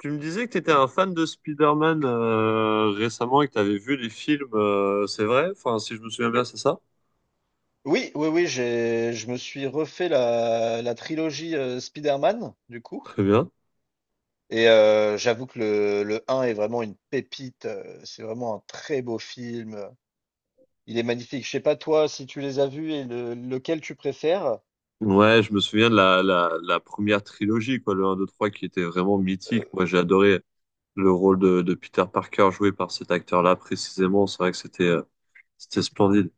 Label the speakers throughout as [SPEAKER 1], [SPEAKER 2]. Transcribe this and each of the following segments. [SPEAKER 1] Tu me disais que tu étais un fan de Spider-Man récemment et que tu avais vu les films, c'est vrai? Enfin, si je me souviens bien, c'est ça?
[SPEAKER 2] Oui, je me suis refait la trilogie Spider-Man, du coup.
[SPEAKER 1] Très bien.
[SPEAKER 2] Et j'avoue que le un est vraiment une pépite. C'est vraiment un très beau film. Il est magnifique. Je sais pas toi si tu les as vus et lequel tu préfères.
[SPEAKER 1] Ouais, je me souviens de la première trilogie, quoi, le 1, 2, 3, qui était vraiment mythique.
[SPEAKER 2] Euh,
[SPEAKER 1] Moi, j'ai adoré le rôle de Peter Parker joué par cet acteur-là précisément. C'est vrai que c'était splendide.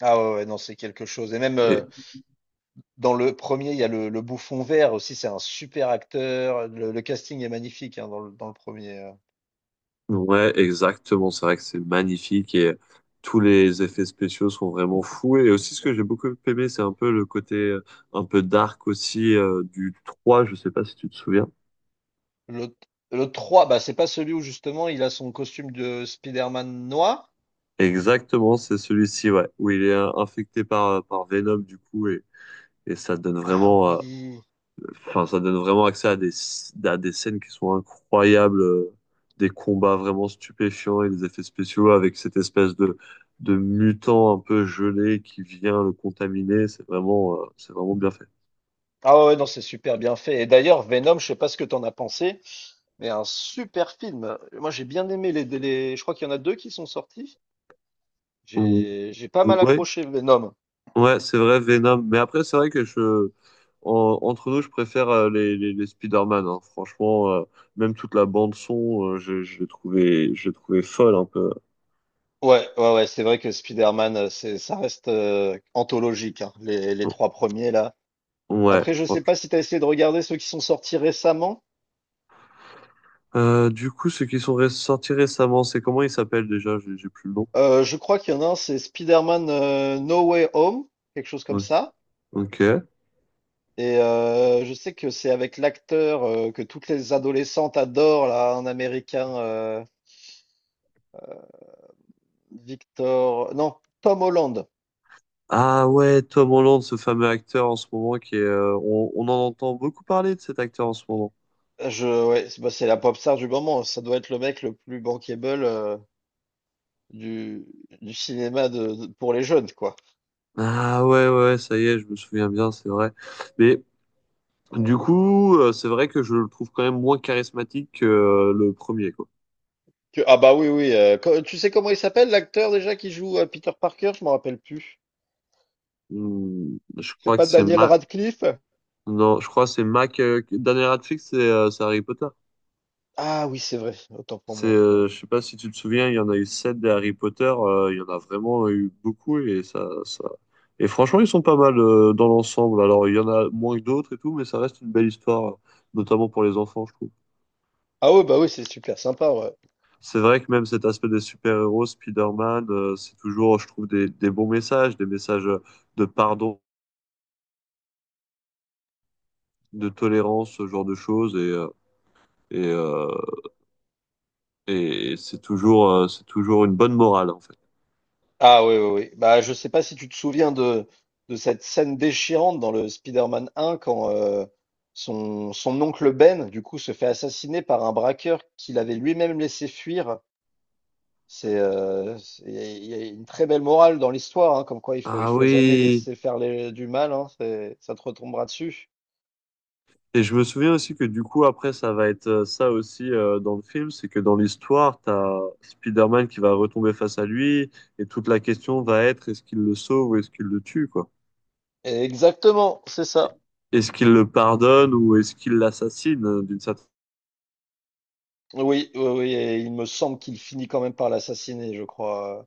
[SPEAKER 2] ah ouais, ouais, non, c'est quelque chose. Et même
[SPEAKER 1] Et,
[SPEAKER 2] dans le premier, il y a le bouffon vert aussi. C'est un super acteur. Le casting est magnifique hein, dans le premier.
[SPEAKER 1] ouais, exactement. C'est vrai que c'est magnifique et tous les effets spéciaux sont vraiment fous. Et aussi, ce que j'ai beaucoup aimé, c'est un peu le côté un peu dark aussi du 3. Je sais pas si tu te souviens.
[SPEAKER 2] Le, le 3, bah, c'est pas celui où justement il a son costume de Spider-Man noir.
[SPEAKER 1] Exactement, c'est celui-ci, ouais, où il est infecté par par Venom du coup et ça donne
[SPEAKER 2] Ah
[SPEAKER 1] vraiment...
[SPEAKER 2] oui.
[SPEAKER 1] Enfin, ça donne vraiment accès à à des scènes qui sont incroyables, des combats vraiment stupéfiants et des effets spéciaux avec cette espèce de mutant un peu gelé qui vient le contaminer. C'est vraiment bien fait.
[SPEAKER 2] Ah ouais, non, c'est super bien fait. Et d'ailleurs, Venom, je sais pas ce que t'en as pensé, mais un super film. Moi, j'ai bien aimé Je crois qu'il y en a deux qui sont sortis.
[SPEAKER 1] Ou-
[SPEAKER 2] J'ai pas mal
[SPEAKER 1] Ouais,
[SPEAKER 2] accroché Venom.
[SPEAKER 1] ouais, c'est vrai, Venom. Mais après, c'est vrai que je, en- entre nous, je préfère les Spider-Man, hein. Franchement, même toute la bande son, je l'ai je l'ai trouvé folle un peu.
[SPEAKER 2] Ouais, ouais, ouais, c'est vrai que Spider-Man, c'est, ça reste anthologique, hein, les trois premiers là.
[SPEAKER 1] Ouais,
[SPEAKER 2] Après, je sais pas
[SPEAKER 1] franchement.
[SPEAKER 2] si t'as essayé de regarder ceux qui sont sortis récemment.
[SPEAKER 1] Du coup, ceux qui sont sortis récemment, c'est comment il s'appelle déjà? J'ai plus le nom.
[SPEAKER 2] Je crois qu'il y en a un, c'est Spider-Man No Way Home, quelque chose comme
[SPEAKER 1] Ok.
[SPEAKER 2] ça.
[SPEAKER 1] Ok.
[SPEAKER 2] Et je sais que c'est avec l'acteur que toutes les adolescentes adorent, là, un Américain, Victor... Non, Tom Holland.
[SPEAKER 1] Ah ouais, Tom Holland, ce fameux acteur en ce moment qui est. Euh, on en entend beaucoup parler de cet acteur en ce moment.
[SPEAKER 2] Ouais, c'est la pop star du moment. Ça doit être le mec le plus bankable du, du cinéma pour les jeunes, quoi.
[SPEAKER 1] Ah ouais, ouais, ouais, ça y est, je me souviens bien, c'est vrai. Mais du coup, c'est vrai que je le trouve quand même moins charismatique que le premier, quoi.
[SPEAKER 2] Ah bah oui, oui. Tu sais comment il s'appelle, l'acteur déjà qui joue Peter Parker? Je m'en rappelle plus.
[SPEAKER 1] Hmm, je
[SPEAKER 2] C'est
[SPEAKER 1] crois que
[SPEAKER 2] pas
[SPEAKER 1] c'est
[SPEAKER 2] Daniel
[SPEAKER 1] Ma...
[SPEAKER 2] Radcliffe?
[SPEAKER 1] Non, je crois que c'est Mac. Dernier Radcliffe, c'est Harry Potter.
[SPEAKER 2] Ah oui, c'est vrai. Autant pour
[SPEAKER 1] C'est,
[SPEAKER 2] moi. Oui.
[SPEAKER 1] je sais pas si tu te souviens, il y en a eu sept des Harry Potter, il y en a vraiment eu beaucoup et ça... Et franchement, ils sont pas mal dans l'ensemble. Alors, il y en a moins que d'autres et tout, mais ça reste une belle histoire, notamment pour les enfants, je trouve.
[SPEAKER 2] Ah oui, bah oui, c'est super sympa. Ouais.
[SPEAKER 1] C'est vrai que même cet aspect des super-héros, Spider-Man, c'est toujours, je trouve, des bons messages, des messages de pardon, de tolérance, ce genre de choses, et, euh, et c'est c'est toujours une bonne morale, en fait.
[SPEAKER 2] Ah oui, oui, oui. Bah, je sais pas si tu te souviens de cette scène déchirante dans le Spider-Man 1 quand son oncle Ben, du coup, se fait assassiner par un braqueur qu'il avait lui-même laissé fuir. Il y a une très belle morale dans l'histoire, hein, comme quoi il
[SPEAKER 1] Ah
[SPEAKER 2] faut jamais
[SPEAKER 1] oui!
[SPEAKER 2] laisser faire du mal, hein, ça te retombera dessus.
[SPEAKER 1] Et je me souviens aussi que du coup, après, ça va être ça aussi dans le film, c'est que dans l'histoire, t'as as Spider-Man qui va retomber face à lui, et toute la question va être est-ce qu'il le sauve ou est-ce qu'il le tue, quoi?
[SPEAKER 2] Exactement, c'est ça.
[SPEAKER 1] Est-ce qu'il le pardonne ou est-ce qu'il l'assassine d'une certaine...
[SPEAKER 2] Oui, oui, oui, et il me semble qu'il finit quand même par l'assassiner, je crois.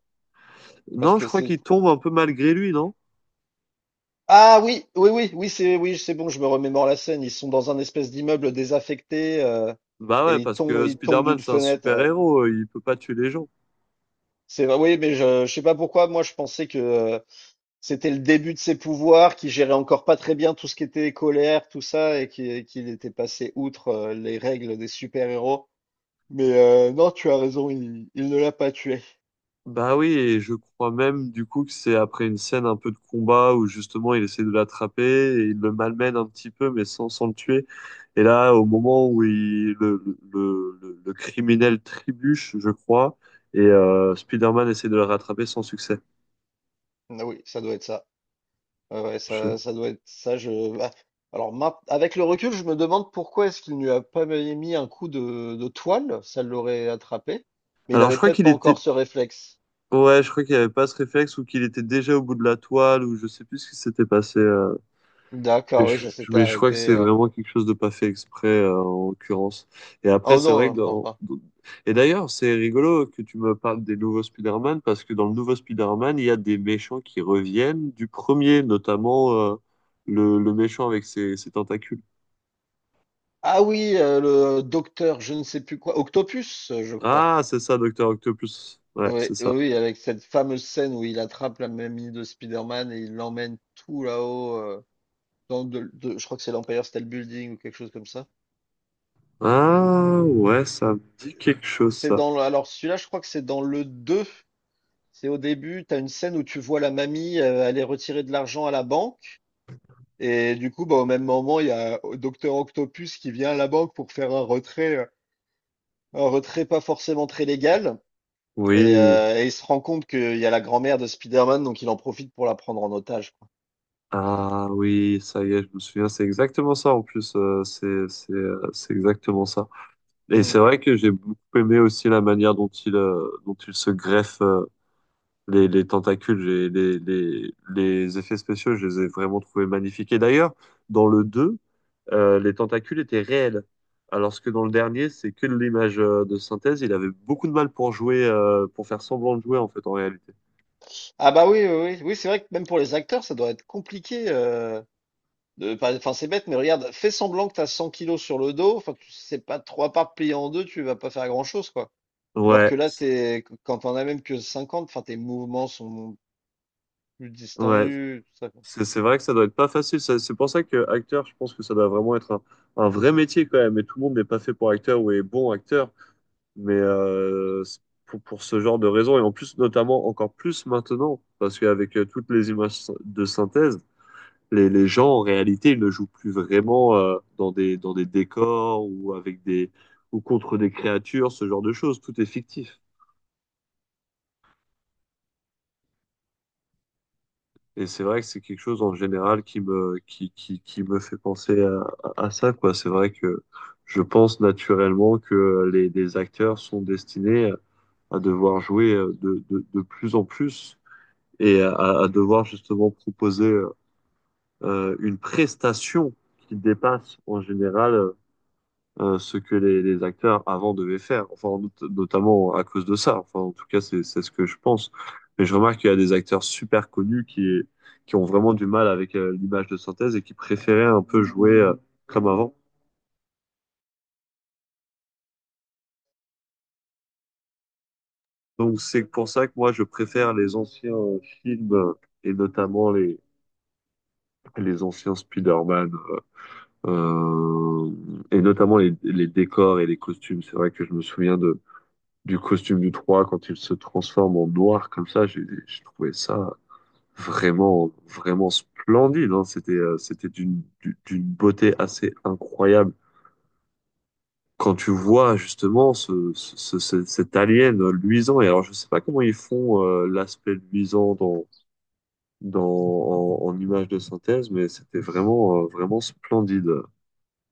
[SPEAKER 2] Parce
[SPEAKER 1] Non, je
[SPEAKER 2] que
[SPEAKER 1] crois
[SPEAKER 2] c'est
[SPEAKER 1] qu'il tombe un peu malgré lui, non?
[SPEAKER 2] Ah oui, oui, oui, oui, c'est bon, je me remémore la scène. Ils sont dans un espèce d'immeuble désaffecté
[SPEAKER 1] Bah
[SPEAKER 2] et
[SPEAKER 1] ouais, parce que
[SPEAKER 2] ils tombent
[SPEAKER 1] Spider-Man,
[SPEAKER 2] d'une
[SPEAKER 1] c'est un
[SPEAKER 2] fenêtre, ouais.
[SPEAKER 1] super-héros, il peut pas tuer les gens.
[SPEAKER 2] C'est vrai, oui, mais je sais pas pourquoi. Moi, je pensais que c'était le début de ses pouvoirs, qu'il gérait encore pas très bien tout ce qui était colère, tout ça, et qu'il était passé outre les règles des super-héros. Mais non, tu as raison, il ne l'a pas tué.
[SPEAKER 1] Bah oui, et je crois même du coup que c'est après une scène un peu de combat où justement il essaie de l'attraper et il le malmène un petit peu mais sans le tuer. Et là, au moment où il, le criminel trébuche, je crois, et Spider-Man essaie de le rattraper sans succès.
[SPEAKER 2] Ah oui, ça doit être ça. Ouais, ouais,
[SPEAKER 1] Je-
[SPEAKER 2] ça doit être ça. Je... ah, Alors, avec le recul, je me demande pourquoi est-ce qu'il ne lui a pas mis un coup de toile, ça l'aurait attrapé. Mais il
[SPEAKER 1] Alors je
[SPEAKER 2] avait
[SPEAKER 1] crois
[SPEAKER 2] peut-être
[SPEAKER 1] qu'il
[SPEAKER 2] pas
[SPEAKER 1] était...
[SPEAKER 2] encore ce réflexe.
[SPEAKER 1] Ouais, je crois qu'il avait pas ce réflexe ou qu'il était déjà au bout de la toile ou je sais plus ce qui s'était passé, euh. Mais
[SPEAKER 2] D'accord, oui,
[SPEAKER 1] je,
[SPEAKER 2] ça s'était
[SPEAKER 1] mais je crois que
[SPEAKER 2] arrêté.
[SPEAKER 1] c'est vraiment quelque chose de pas fait exprès, en l'occurrence. Et
[SPEAKER 2] Ah,
[SPEAKER 1] après,
[SPEAKER 2] oh
[SPEAKER 1] c'est vrai
[SPEAKER 2] non,
[SPEAKER 1] que
[SPEAKER 2] je pense pas.
[SPEAKER 1] et d'ailleurs, c'est rigolo que tu me parles des nouveaux Spider-Man, parce que dans le nouveau Spider-Man, il y a des méchants qui reviennent du premier, notamment le méchant avec ses tentacules.
[SPEAKER 2] Ah oui, le docteur, je ne sais plus quoi, Octopus, je crois.
[SPEAKER 1] Ah, c'est ça, Docteur Octopus. Ouais,
[SPEAKER 2] Oui,
[SPEAKER 1] c'est
[SPEAKER 2] oui,
[SPEAKER 1] ça.
[SPEAKER 2] oui, avec cette fameuse scène où il attrape la mamie de Spider-Man et il l'emmène tout là-haut, dans je crois que c'est l'Empire State Building ou quelque chose comme ça.
[SPEAKER 1] Ah, ouais, ça me dit quelque chose, ça.
[SPEAKER 2] Alors celui-là, je crois que c'est dans le deux. C'est au début, tu as une scène où tu vois la mamie aller retirer de l'argent à la banque. Et du coup, bah, au même moment, il y a Docteur Octopus qui vient à la banque pour faire un retrait, un retrait pas forcément très légal. Et,
[SPEAKER 1] Oui.
[SPEAKER 2] il se rend compte qu'il y a la grand-mère de Spider-Man, donc il en profite pour la prendre en otage, quoi.
[SPEAKER 1] Ah oui, ça y est, je me souviens, c'est exactement ça en plus, c'est exactement ça. Et
[SPEAKER 2] Hmm.
[SPEAKER 1] c'est vrai que j'ai beaucoup aimé aussi la manière dont il se greffe les tentacules. Les effets spéciaux, je les ai vraiment trouvés magnifiques. Et d'ailleurs, dans le 2, les tentacules étaient réels. Alors que dans le dernier, c'est que de l'image de synthèse. Il avait beaucoup de mal pour jouer, pour faire semblant de jouer en fait, en réalité.
[SPEAKER 2] Ah bah oui, oui, oui, oui, c'est vrai que même pour les acteurs, ça doit être compliqué. De, pas- Enfin, c'est bête, mais regarde, fais semblant que tu as 100 kilos sur le dos. Enfin, tu sais pas trois parts pliées en deux, tu vas pas faire grand-chose, quoi. Alors que
[SPEAKER 1] Ouais,
[SPEAKER 2] là, quand t'en as même que 50, enfin, tes mouvements sont plus
[SPEAKER 1] ouais.
[SPEAKER 2] distendus, tout ça, quoi.
[SPEAKER 1] C'est vrai que ça doit être pas facile. C'est pour ça que acteur, je pense que ça doit vraiment être un vrai métier quand même. Et tout le monde n'est pas fait pour acteur ou est bon acteur. Mais c'est pour ce genre de raison, et en plus, notamment encore plus maintenant, parce qu'avec toutes les images de synthèse, les gens, en réalité, ils ne jouent plus vraiment dans dans des décors ou, avec des, ou contre des créatures, ce genre de choses. Tout est fictif. Et c'est vrai que c'est quelque chose en général qui qui me fait penser à ça, quoi. C'est vrai que je pense naturellement que les acteurs sont destinés à devoir jouer de plus en plus et à, à devoir justement proposer une prestation qui dépasse en général ce que les acteurs avant devaient faire, enfin notamment à cause de ça. Enfin, en tout cas, c'est ce que je pense. Mais je remarque qu'il y a des acteurs super connus qui ont vraiment du mal avec l'image de synthèse et qui préféraient un peu jouer comme avant. Donc c'est pour ça que moi je préfère les anciens films et notamment les anciens Spider-Man. Euh, et notamment les décors et les costumes. C'est vrai que je me souviens du costume du 3 quand il se transforme en noir comme ça. J'ai trouvé ça vraiment, vraiment splendide, hein. C'était, c'était d'une beauté assez incroyable. Quand tu vois justement cet alien luisant, et alors je sais pas comment ils font l'aspect luisant dans, en image de synthèse, mais c'était vraiment, vraiment splendide.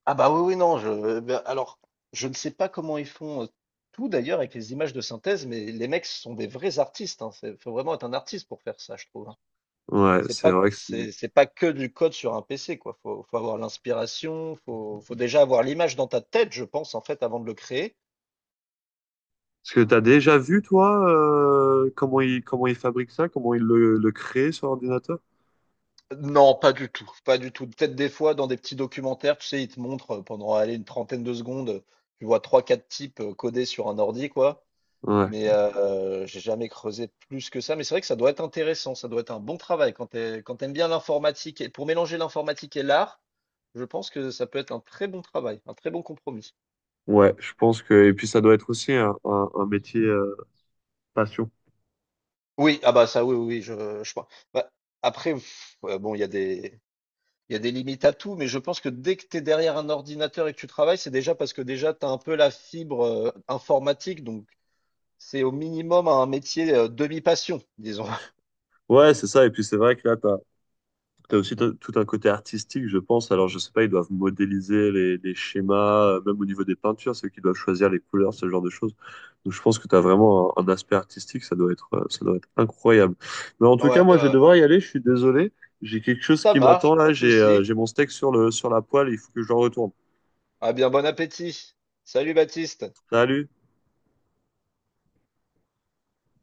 [SPEAKER 2] Ah bah oui, oui, non, eh ben, alors, je ne sais pas comment ils font tout d'ailleurs avec les images de synthèse, mais les mecs sont des vrais artistes, hein. Faut vraiment être un artiste pour faire ça, je trouve, hein.
[SPEAKER 1] Ouais,
[SPEAKER 2] C'est
[SPEAKER 1] c'est vrai que c'est...
[SPEAKER 2] c'est pas que du code sur un PC, quoi. Faut avoir l'inspiration, faut déjà avoir l'image dans ta tête, je pense, en fait, avant de le créer.
[SPEAKER 1] Parce que tu as déjà vu, toi, comment il fabrique ça, comment le crée sur ordinateur?
[SPEAKER 2] Non, pas du tout, pas du tout. Peut-être des fois dans des petits documentaires, tu sais, ils te montrent pendant allez, une trentaine de secondes, tu vois trois, quatre types codés sur un ordi, quoi.
[SPEAKER 1] Ouais.
[SPEAKER 2] Mais j'ai jamais creusé plus que ça. Mais c'est vrai que ça doit être intéressant, ça doit être un bon travail quand quand t'aimes bien l'informatique. Et pour mélanger l'informatique et l'art, je pense que ça peut être un très bon travail, un très bon compromis.
[SPEAKER 1] Ouais, je pense que... Et puis ça doit être aussi un métier passion.
[SPEAKER 2] Oui, ah bah ça, oui, oui, oui, je pense. Bah, après, pff, ouais, bon, il y a des limites à tout, mais je pense que dès que tu es derrière un ordinateur et que tu travailles, c'est déjà parce que déjà tu as un peu la fibre informatique, donc c'est au minimum un métier demi-passion, disons.
[SPEAKER 1] Ouais, c'est ça. Et puis c'est vrai que là, tu t'as aussi tout un côté artistique, je pense. Alors, je sais pas, ils doivent modéliser les schémas, même au niveau des peintures, ceux qui doivent choisir les couleurs, ce genre de choses. Donc, je pense que tu as vraiment un aspect artistique, ça doit être incroyable. Mais en tout cas,
[SPEAKER 2] Ouais,
[SPEAKER 1] moi, je vais
[SPEAKER 2] ouais.
[SPEAKER 1] devoir y aller, je suis désolé. J'ai quelque chose
[SPEAKER 2] Ça
[SPEAKER 1] qui m'attend
[SPEAKER 2] marche,
[SPEAKER 1] là,
[SPEAKER 2] pas de souci.
[SPEAKER 1] j'ai mon steak sur sur la poêle, il faut que je le retourne.
[SPEAKER 2] Ah bien, bon appétit. Salut Baptiste.
[SPEAKER 1] Salut!